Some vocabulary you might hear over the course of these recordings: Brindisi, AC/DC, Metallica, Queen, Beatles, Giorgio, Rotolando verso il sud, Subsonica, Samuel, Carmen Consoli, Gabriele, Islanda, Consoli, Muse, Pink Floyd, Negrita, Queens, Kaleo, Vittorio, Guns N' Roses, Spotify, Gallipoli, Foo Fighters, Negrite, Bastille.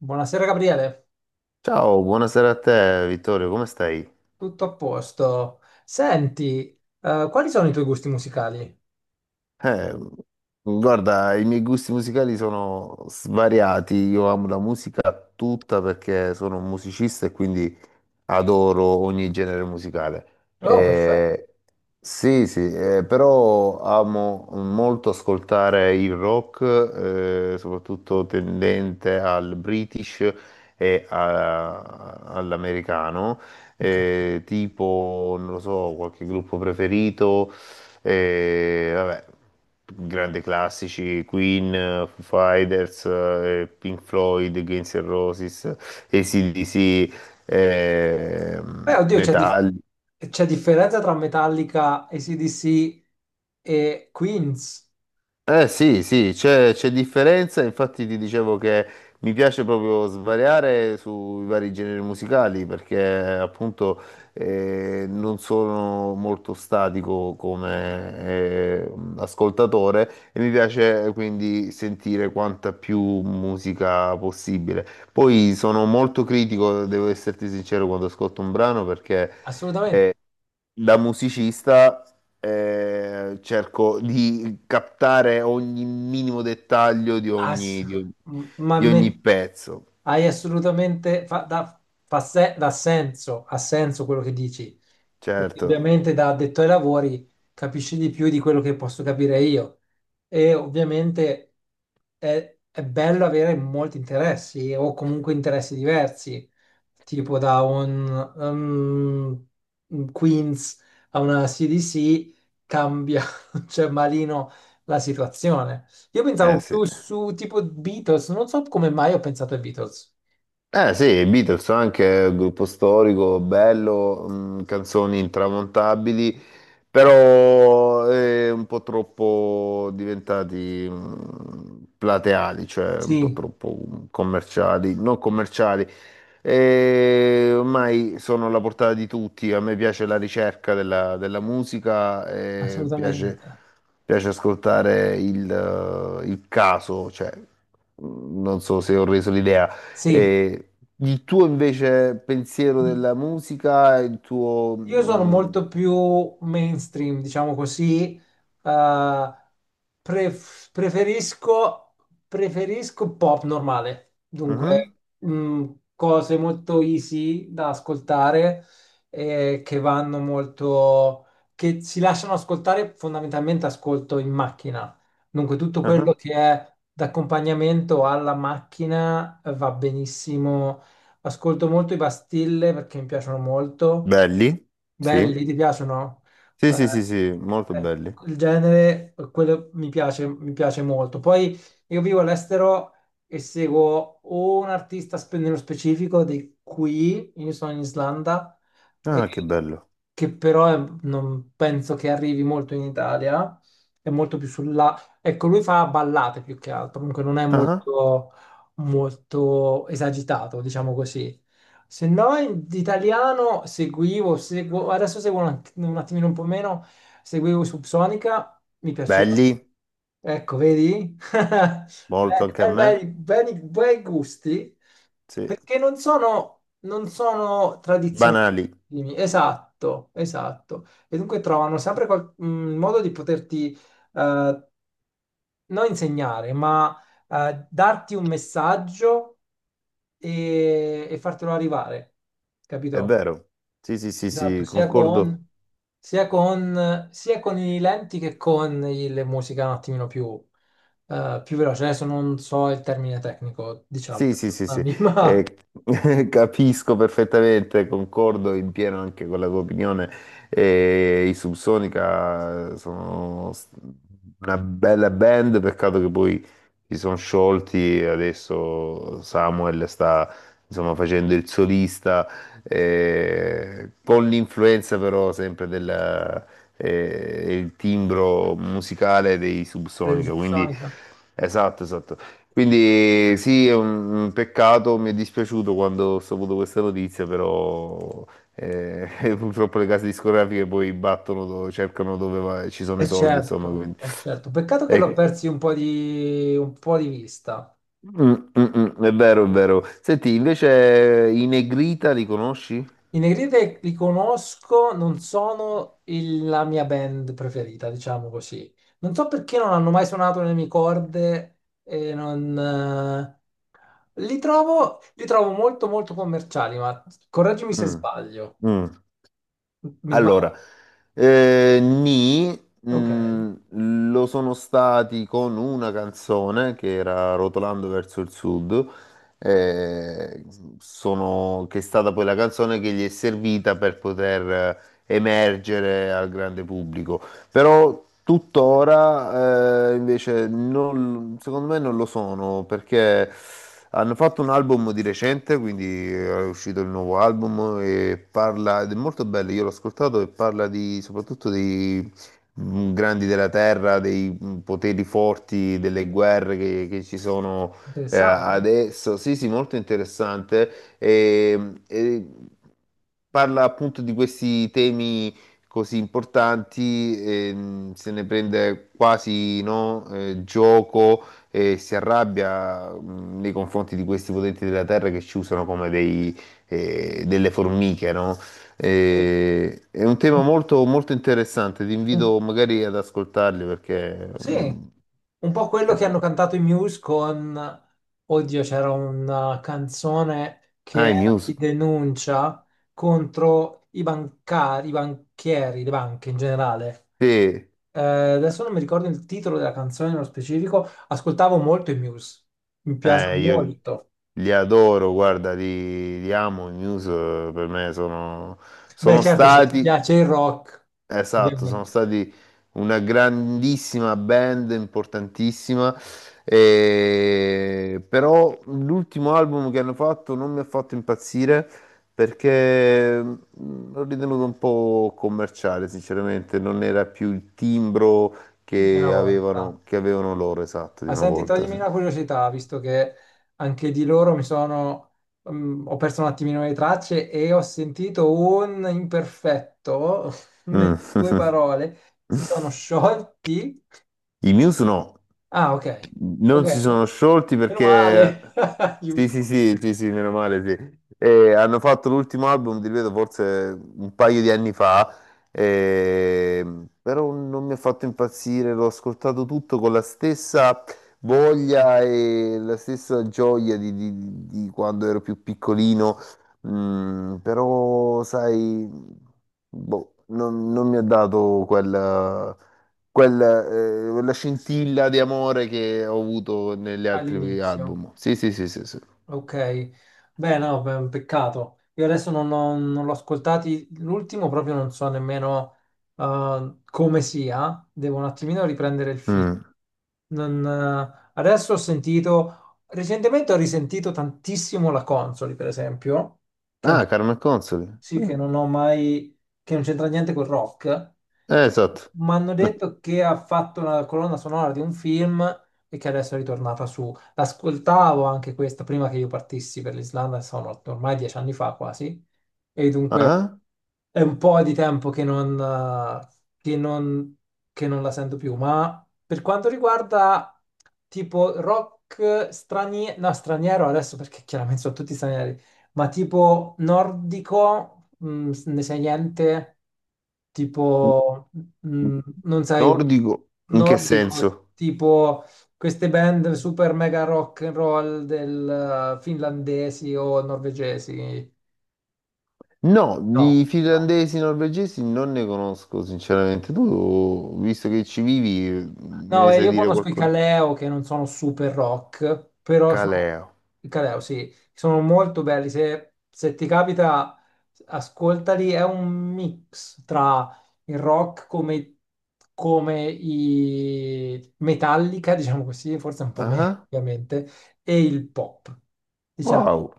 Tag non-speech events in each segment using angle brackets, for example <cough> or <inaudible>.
Buonasera Gabriele, Ciao, buonasera a te Vittorio, come stai? tutto a posto. Senti, quali sono i tuoi gusti musicali? Eh, Guarda, i miei gusti musicali sono svariati, io amo la musica tutta perché sono un musicista e quindi adoro ogni genere musicale. Oh, perfetto. Eh, sì, sì, però amo molto ascoltare il rock, soprattutto tendente al British e all'americano, Ok. Tipo, non lo so, qualche gruppo preferito, vabbè, grandi classici, Queen, Foo Fighters, Pink Floyd, Guns N' Roses, AC/DC, Beh, oddio, c'è ecco. Metalli. C'è differenza tra Metallica, AC/DC e Queens? Eh sì, sì, c'è differenza, infatti ti dicevo che mi piace proprio svariare sui vari generi musicali perché appunto non sono molto statico come ascoltatore, e mi piace quindi sentire quanta più musica possibile. Poi sono molto critico, devo esserti sincero, quando ascolto un brano perché Assolutamente. da musicista cerco di captare ogni minimo dettaglio di Ass- m- ma di Mm. ogni me- pezzo, Hai assolutamente fa, da, fa se- dà senso, ha senso quello che dici, perché certo. ovviamente da addetto ai lavori capisci di più di quello che posso capire io, e ovviamente è bello avere molti interessi o comunque interessi diversi, tipo da un Queens a una CDC cambia, <laughs> cioè malino la situazione. Io Eh pensavo sì. più su tipo Beatles, non so come mai ho pensato ai Beatles. Eh sì, i Beatles sono anche un gruppo storico, bello, canzoni intramontabili, però un po' troppo diventati, plateali, cioè un po' Sì, troppo, commerciali, non commerciali. E ormai sono alla portata di tutti, a me piace la ricerca della musica, e piace, assolutamente. piace ascoltare il caso, cioè, non so se ho reso l'idea. Sì, E il tuo invece pensiero i- della musica, il tuo... io sono molto più mainstream, diciamo così, eh, pref- preferisco, preferisco pop normale, mhm, dunque cose molto easy da ascoltare che vanno molto, che si lasciano ascoltare, fondamentalmente ascolto in macchina, dunque tutto quello aha. che è d'accompagnamento alla macchina va benissimo. Ascolto molto i Bastille perché mi piacciono molto. Belli? Sì. Belli, ti piacciono? Sì, Eh, sì, sì, sì, molto eh, belli. il genere, quello mi piace molto. Poi io vivo all'estero e seguo o un artista nello specifico di qui, io sono in Islanda, e- Ah, che bello. che però non penso che arrivi molto in Italia, è molto più sulla ecco, lui fa ballate più che altro, comunque non è Ah, molto esagitato, diciamo così. Se no, in italiano adesso seguo un attimino un po' meno, seguivo Subsonica, mi piaceva. belli, Ecco, vedi? <laughs> molto Bene, anche a me. Bei gusti, Sì. perché non sono tradizionali. Banali, Esatto, esatto. E dunque trovano sempre un modo di poterti eh, non insegnare, ma darti un messaggio e fartelo arrivare, è capito? vero. Sì, sì, sì, Esatto, sì, concordo. Sia con i lenti che con le musiche un attimino più, più veloce. Adesso non so il termine tecnico, diciamo, Sì, sì, sì, sì, perdonami, <laughs> eh, ma <laughs> capisco perfettamente, concordo in pieno anche con la tua opinione. I Subsonica sono una bella band, peccato che poi si sono sciolti, adesso Samuel sta insomma facendo il solista, con l'influenza però sempre del il timbro musicale dei è Subsonica, quindi subsonica. esatto, esatto. Quindi sì, è un peccato, mi è dispiaciuto quando ho saputo questa notizia, però <laughs> purtroppo le case discografiche poi battono, cercano dove ci sono i E soldi, insomma, certo, quindi... è certo. Peccato che l'ho Eh, persi un po' di vista. mm, è vero, è vero. Senti, invece i Negrita li conosci? I Negrite li conosco, non sono la mia band preferita, diciamo così. Non so perché non hanno mai suonato nelle mie corde e non li trovo molto commerciali, ma correggimi se Mm, sbaglio. mm. Mi sbaglio? Allora, Nì, Ok, mh, lo sono stati con una canzone che era Rotolando verso il sud, eh, che è stata poi la canzone che gli è servita per poter emergere al grande pubblico. Però tuttora, invece secondo me non lo sono, perché hanno fatto un album di recente, quindi è uscito il nuovo album e parla, ed è molto bello, io l'ho ascoltato e parla di, soprattutto dei, mm, grandi della terra, dei, poteri forti, delle guerre che ci sono interessante. adesso. Sì, sì, molto interessante. E parla appunto di questi temi così importanti, se ne prende quasi, no, gioco, e si arrabbia, nei confronti di questi potenti della terra che ci usano come dei, delle formiche, no? Sì. È un tema Un, molto, molto interessante, ti un invito magari ad ascoltarli perché... Sì, un po' quello eh, che hanno cantato i Muse con, oddio, c'era una canzone che ah, i era di Muse, denuncia contro i bancari, i banchieri, le banche in generale. sì, Adesso non mi ricordo il titolo della canzone nello specifico, ascoltavo molto i Muse, mi piacciono io molto. li adoro, guarda, li, li amo, i Muse per me sono Beh, sono certo, se ti stati piace il rock, esatto, sono ovviamente, stati una grandissima band, importantissima, però l'ultimo album che hanno fatto non mi ha fatto impazzire perché, l'ho ritenuto un po' commerciale, sinceramente, non era più il timbro di una volta. Che avevano loro, esatto, di Ma una senti, volta. toglimi Sì. una curiosità, visto che anche di loro ho perso un attimino le tracce e ho sentito un imperfetto <laughs> Mm. nelle due parole. Si sono sciolti. <laughs> I Muse no. Ah, ok. Non si Ok. sono sciolti Meno perché... male. <laughs> Sì, Aiuto. sì, sì, sì, sì, meno male, sì. E hanno fatto l'ultimo album, ti ripeto, forse un paio di anni fa, e- però non mi ha fatto impazzire, l'ho ascoltato tutto con la stessa voglia e la stessa gioia di, di quando ero più piccolino, mm, però, sai, boh, non mi ha dato quel... quel, quella scintilla di amore che ho avuto negli altri All'inizio. album. Sì, sì, sì, sì, sì. Ok. Beh, no, beh, un peccato. Io adesso non l'ho ascoltati. L'ultimo proprio non so nemmeno, come sia. Devo un attimino riprendere il filo. Mm. Non, adesso ho sentito, recentemente ho risentito tantissimo la Consoli, per esempio, che è un Ah, Carmen Consoli. sì, Mm. che non ho mai, che non c'entra niente col rock. Esatto. Mi hanno <laughs> detto che ha fatto la colonna sonora di un film e che adesso è ritornata su. L'ascoltavo anche questa prima che io partissi per l'Islanda, sono ormai 10 anni fa quasi, e dunque Ah, è un po' di tempo che non, che non, che non la sento più. Ma per quanto riguarda tipo rock straniero, no, straniero adesso perché chiaramente sono tutti stranieri, ma tipo nordico, ne sai niente? Tipo, non sai, nordico, in che nordico, senso? tipo queste band super mega rock and roll del finlandesi o norvegesi? No, No, di no. finlandesi, norvegesi non ne conosco, sinceramente. Tu, visto che ci vivi, me No, ne sai io dire conosco i qualcosa? Kaleo che non sono super rock, però sono Caleo. i Kaleo, sì, sono molto belli. Se ti capita, ascoltali. È un mix tra il rock come, come i Metallica, diciamo così, forse un po' meno, Ah, ovviamente, e il pop. Diciamo, wow.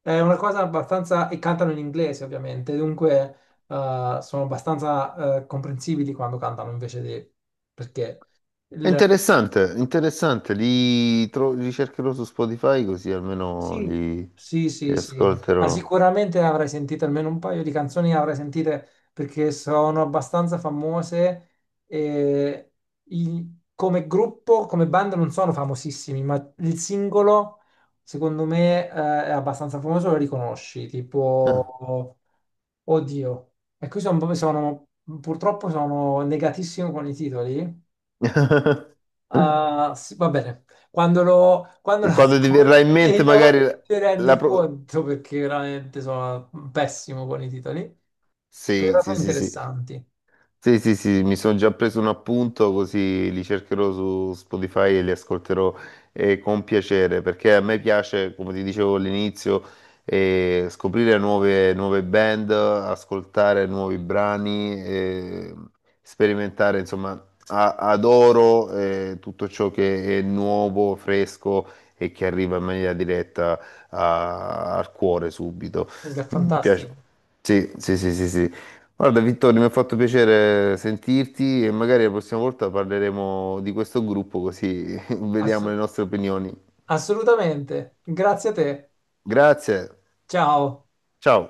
è una cosa abbastanza. E cantano in inglese, ovviamente, dunque sono abbastanza comprensibili quando cantano invece di. Perché. È interessante, interessante. Li cercherò su Spotify così almeno Sì, li... sì, li sì, sì. Ma ascolterò. sicuramente avrai sentito almeno un paio di canzoni, avrai sentite perché sono abbastanza famose e come gruppo, come band non sono famosissimi, ma il singolo secondo me è abbastanza famoso, lo riconosci, Ah. tipo, oddio. E qui purtroppo sono negatissimo con i titoli. <laughs> Ah, sì, va bene, quando lo <laughs> Quando ti verrà in ascolti mente magari la... ti rendi la pro- conto perché veramente sono pessimo con i titoli, Sì, però sono sì, sì, sì. interessanti, Sì, sì, sì, mi sono già preso un appunto così li cercherò su Spotify e li ascolterò con piacere, perché a me piace, come ti dicevo all'inizio, scoprire nuove band, ascoltare nuovi brani, sperimentare, insomma, adoro tutto ciò che è nuovo, fresco e che arriva in maniera diretta al cuore subito. è Mi fantastico. piace. Sì, sì, sì, sì, sì. Guarda Vittorio, mi ha fatto piacere sentirti e magari la prossima volta parleremo di questo gruppo così <laughs> Ass- vediamo le nostre opinioni. Assolutamente, grazie a te, Grazie, ciao. ciao.